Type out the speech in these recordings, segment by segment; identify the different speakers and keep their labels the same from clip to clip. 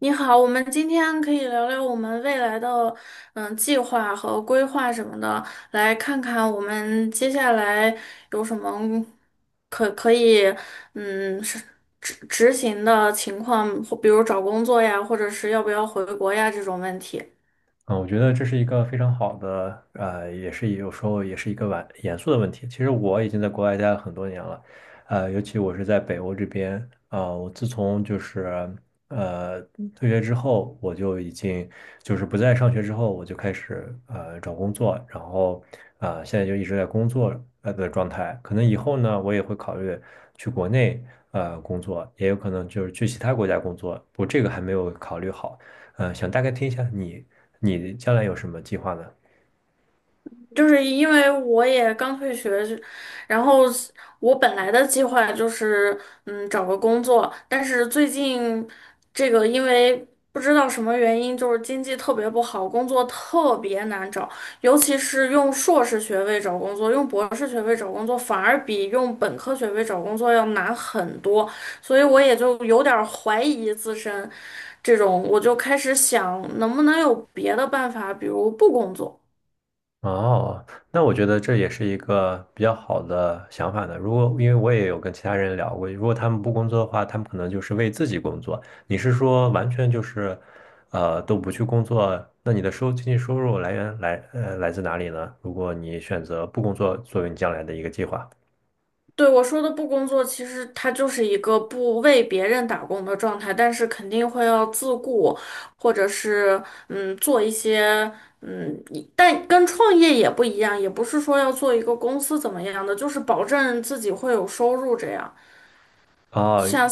Speaker 1: 你好，我们今天可以聊聊我们未来的计划和规划什么的，来看看我们接下来有什么可以嗯是执行的情况，或比如找工作呀，或者是要不要回国呀这种问题。
Speaker 2: 嗯，我觉得这是一个非常好的，也是有时候也是一个晚严肃的问题。其实我已经在国外待了很多年了，尤其我是在北欧这边，我自从就是呃退学之后，我就已经就是不再上学之后，我就开始找工作，然后现在就一直在工作的状态。可能以后呢，我也会考虑去国内工作，也有可能就是去其他国家工作，我这个还没有考虑好。想大概听一下你将来有什么计划呢？
Speaker 1: 就是因为我也刚退学，然后我本来的计划就是找个工作，但是最近这个因为不知道什么原因，就是经济特别不好，工作特别难找，尤其是用硕士学位找工作，用博士学位找工作反而比用本科学位找工作要难很多，所以我也就有点儿怀疑自身，这种我就开始想能不能有别的办法，比如不工作。
Speaker 2: 哦，那我觉得这也是一个比较好的想法呢。如果因为我也有跟其他人聊过，如果他们不工作的话，他们可能就是为自己工作。你是说完全就是，都不去工作？那你的经济收入来源来自哪里呢？如果你选择不工作作为你将来的一个计划。
Speaker 1: 对，我说的不工作，其实它就是一个不为别人打工的状态，但是肯定会要自顾，或者是做一些一但跟创业也不一样，也不是说要做一个公司怎么样的，就是保证自己会有收入这样。
Speaker 2: 哦，
Speaker 1: 像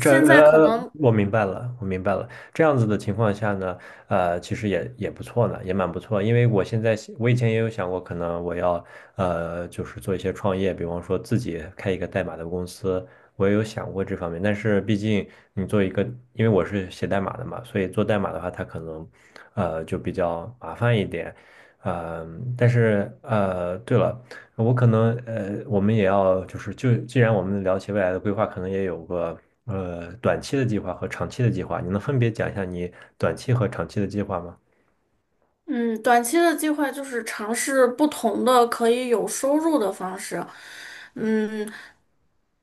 Speaker 1: 在可能
Speaker 2: 我明白了，我明白了。这样子的情况下呢，其实也不错呢，也蛮不错。因为我现在想我以前也有想过，可能我要就是做一些创业，比方说自己开一个代码的公司，我也有想过这方面。但是毕竟你做一个，因为我是写代码的嘛，所以做代码的话，它可能就比较麻烦一点。但是对了。我可能我们也要就既然我们聊起未来的规划，可能也有个短期的计划和长期的计划。你能分别讲一下你短期和长期的计划吗？
Speaker 1: 嗯短期的计划就是尝试不同的可以有收入的方式，嗯。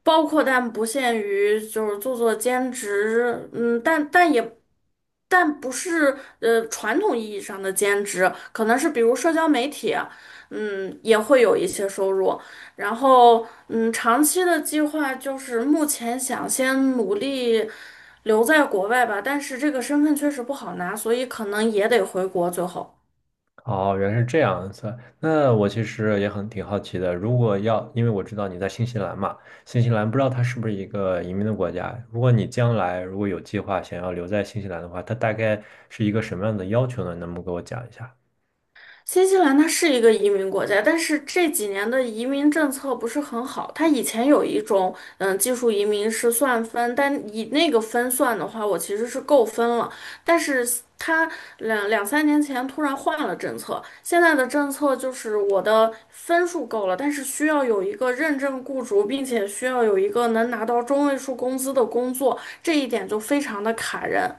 Speaker 1: 包括但不限于就是做兼职，嗯，但不是传统意义上的兼职，可能是比如社交媒体，嗯，也会有一些收入。然后长期的计划就是目前想先努力留在国外吧，但是这个身份确实不好拿，所以可能也得回国最后。
Speaker 2: 哦，原来是这样子。那我其实也挺好奇的，如果要，因为我知道你在新西兰嘛，新西兰不知道它是不是一个移民的国家。如果你将来如果有计划想要留在新西兰的话，它大概是一个什么样的要求呢？能不能给我讲一下？
Speaker 1: 新西兰它是一个移民国家，但是这几年的移民政策不是很好。它以前有一种，嗯，技术移民是算分，但以那个分算的话，我其实是够分了。但是它两三年前突然换了政策，现在的政策就是我的分数够了，但是需要有一个认证雇主，并且需要有一个能拿到中位数工资的工作，这一点就非常的卡人。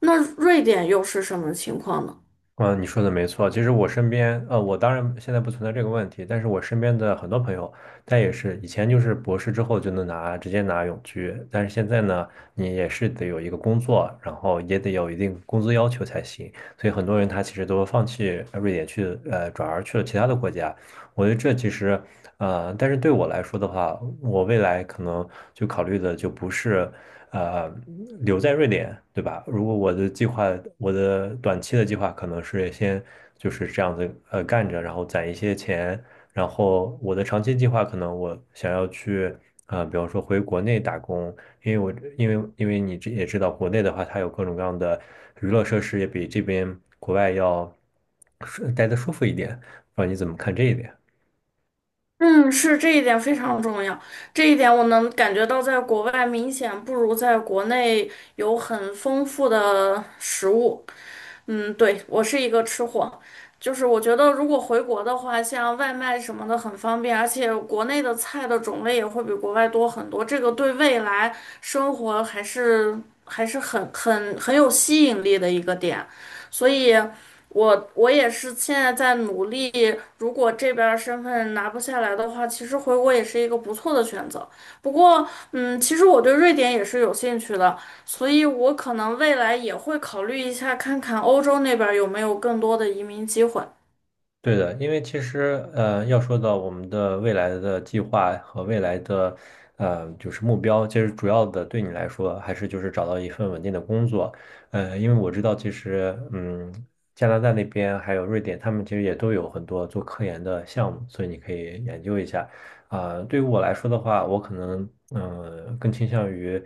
Speaker 1: 那瑞典又是什么情况呢？
Speaker 2: 嗯，你说的没错。其实我身边，我当然现在不存在这个问题，但是我身边的很多朋友，他也是以前就是博士之后就能直接拿永居，但是现在呢，你也是得有一个工作，然后也得有一定工资要求才行。所以很多人他其实都放弃瑞典去，转而去了其他的国家。我觉得这其实，但是对我来说的话，我未来可能就考虑的就不是。呃留在瑞典，对吧？如果我的计划，我的短期的计划可能是先就是这样子干着，然后攒一些钱，然后我的长期计划可能我想要去比方说回国内打工，因为我因为因为你这也知道国内的话，它有各种各样的娱乐设施，也比这边国外要舒待的舒服一点，不知道你怎么看这一点？
Speaker 1: 嗯，是这一点非常重要，这一点我能感觉到，在国外明显不如在国内有很丰富的食物。嗯，对，我是一个吃货，就是我觉得如果回国的话，像外卖什么的很方便，而且国内的菜的种类也会比国外多很多，这个对未来生活还是很有吸引力的一个点，所以我也是现在在努力，如果这边儿身份拿不下来的话，其实回国也是一个不错的选择。不过，嗯，其实我对瑞典也是有兴趣的。所以我可能未来也会考虑一下，看看欧洲那边儿有没有更多的移民机会。
Speaker 2: 对的，因为其实要说到我们的未来的计划和未来的就是目标，其实主要的对你来说还是就是找到一份稳定的工作。因为我知道，其实加拿大那边还有瑞典，他们其实也都有很多做科研的项目，所以你可以研究一下。对于我来说的话，我可能嗯、更倾向于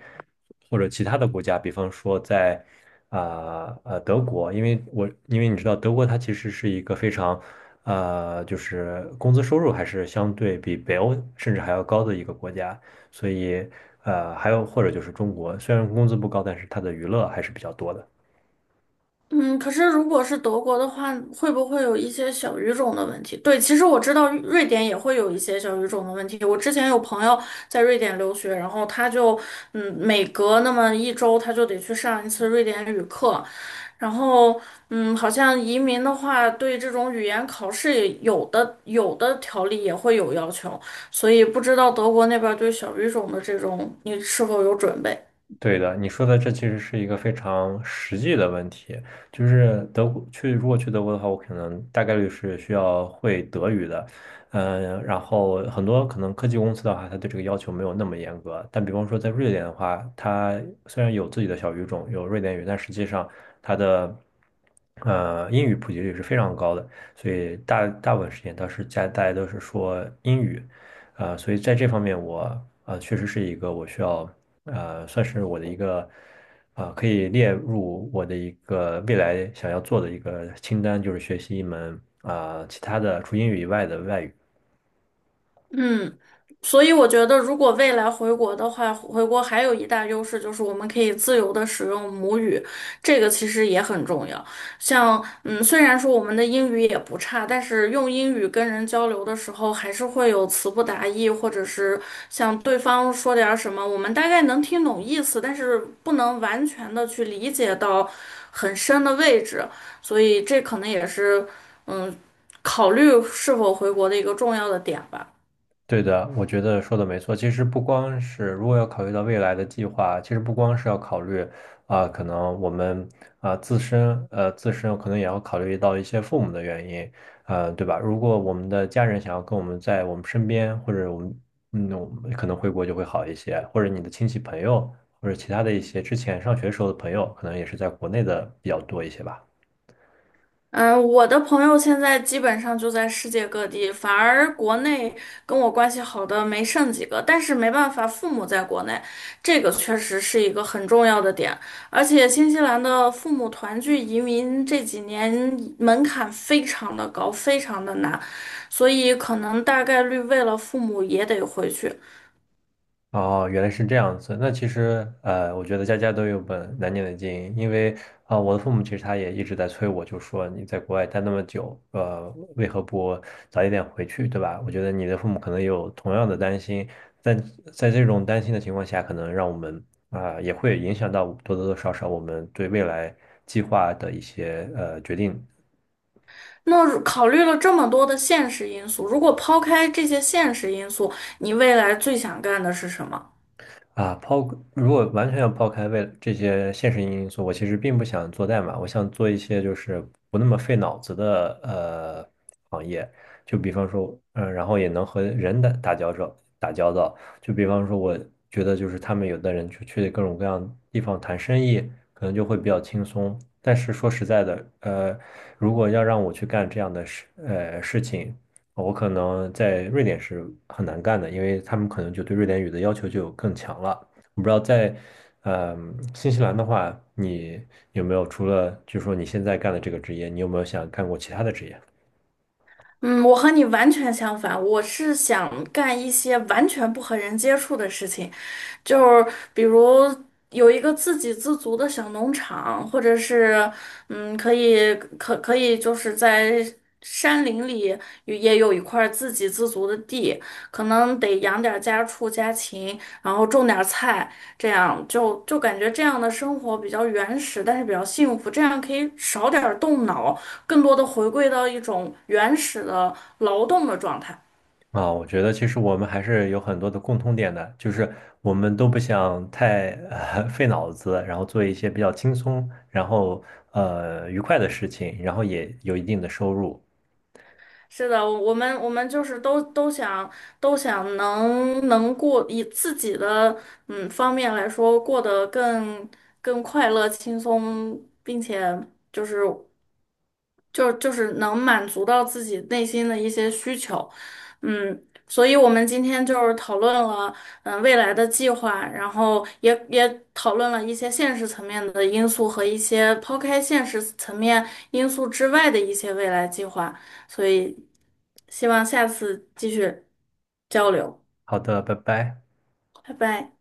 Speaker 2: 或者其他的国家，比方说在。德国，因为你知道，德国它其实是一个非常就是工资收入还是相对比北欧甚至还要高的一个国家，所以还有或者就是中国，虽然工资不高，但是它的娱乐还是比较多的。
Speaker 1: 嗯，可是如果是德国的话，会不会有一些小语种的问题？对，其实我知道瑞典也会有一些小语种的问题。我之前有朋友在瑞典留学，然后他就，嗯，每隔那么一周他就得去上一次瑞典语课，然后，嗯，好像移民的话，对这种语言考试也有的条例也会有要求，所以不知道德国那边对小语种的这种，你是否有准备？
Speaker 2: 对的，你说的这其实是一个非常实际的问题，就是德国去，如果去德国的话，我可能大概率是需要会德语的，嗯，然后很多可能科技公司的话，它对这个要求没有那么严格，但比方说在瑞典的话，它虽然有自己的小语种，有瑞典语，但实际上它的英语普及率是非常高的，所以大部分时间都是家大家都是说英语。所以在这方面我啊，确实是一个我需要算是我的一个，可以列入我的一个未来想要做的一个清单，就是学习一门其他的除英语以外的外语。
Speaker 1: 嗯，所以我觉得，如果未来回国的话，回国还有一大优势就是我们可以自由的使用母语，这个其实也很重要。像，嗯，虽然说我们的英语也不差，但是用英语跟人交流的时候，还是会有词不达意，或者是像对方说点儿什么，我们大概能听懂意思，但是不能完全的去理解到很深的位置，所以这可能也是，嗯，考虑是否回国的一个重要的点吧。
Speaker 2: 对的，我觉得说的没错。其实不光是如果要考虑到未来的计划，其实不光是要考虑可能我们自身可能也要考虑到一些父母的原因，对吧？如果我们的家人想要跟我们在我们身边，或者我们可能回国就会好一些，或者你的亲戚朋友，或者其他的一些之前上学时候的朋友，可能也是在国内的比较多一些吧。
Speaker 1: 嗯，我的朋友现在基本上就在世界各地，反而国内跟我关系好的没剩几个。但是没办法，父母在国内，这个确实是一个很重要的点。而且新西兰的父母团聚移民这几年门槛非常的高，非常的难，所以可能大概率为了父母也得回去。
Speaker 2: 哦，原来是这样子。那其实，我觉得家家都有本难念的经，因为我的父母其实他也一直在催我，就说你在国外待那么久，为何不早一点回去，对吧？我觉得你的父母可能也有同样的担心，但在这种担心的情况下，可能让我们也会影响到多多少少我们对未来计划的一些决定。
Speaker 1: 那如考虑了这么多的现实因素，如果抛开这些现实因素，你未来最想干的是什么？
Speaker 2: 啊，抛，如果完全要抛开为这些现实因素，我其实并不想做代码，我想做一些就是不那么费脑子的行业，就比方说，然后也能和人打交道，就比方说，我觉得就是他们有的人去各种各样地方谈生意，可能就会比较轻松。但是说实在的，如果要让我去干这样的事情。我可能在瑞典是很难干的，因为他们可能就对瑞典语的要求就更强了。我不知道在，呃，新西兰的话，你有没有除了就是说你现在干的这个职业，你有没有想干过其他的职业？
Speaker 1: 嗯，我和你完全相反，我是想干一些完全不和人接触的事情，就是比如有一个自给自足的小农场，或者是可以就是在山林里也有一块自给自足的地，可能得养点儿家畜家禽，然后种点儿菜，这样就感觉这样的生活比较原始，但是比较幸福，这样可以少点儿动脑。更多的回归到一种原始的劳动的状态。
Speaker 2: 我觉得其实我们还是有很多的共通点的，就是我们都不想太费脑子，然后做一些比较轻松，然后愉快的事情，然后也有一定的收入。
Speaker 1: 是的，我们就是都想能过以自己的方面来说过得更快乐、轻松，并且就是就是能满足到自己内心的一些需求，嗯，所以我们今天就是讨论了，嗯，未来的计划，然后也讨论了一些现实层面的因素和一些抛开现实层面因素之外的一些未来计划，所以希望下次继续交流，
Speaker 2: 好的，拜拜。
Speaker 1: 拜拜。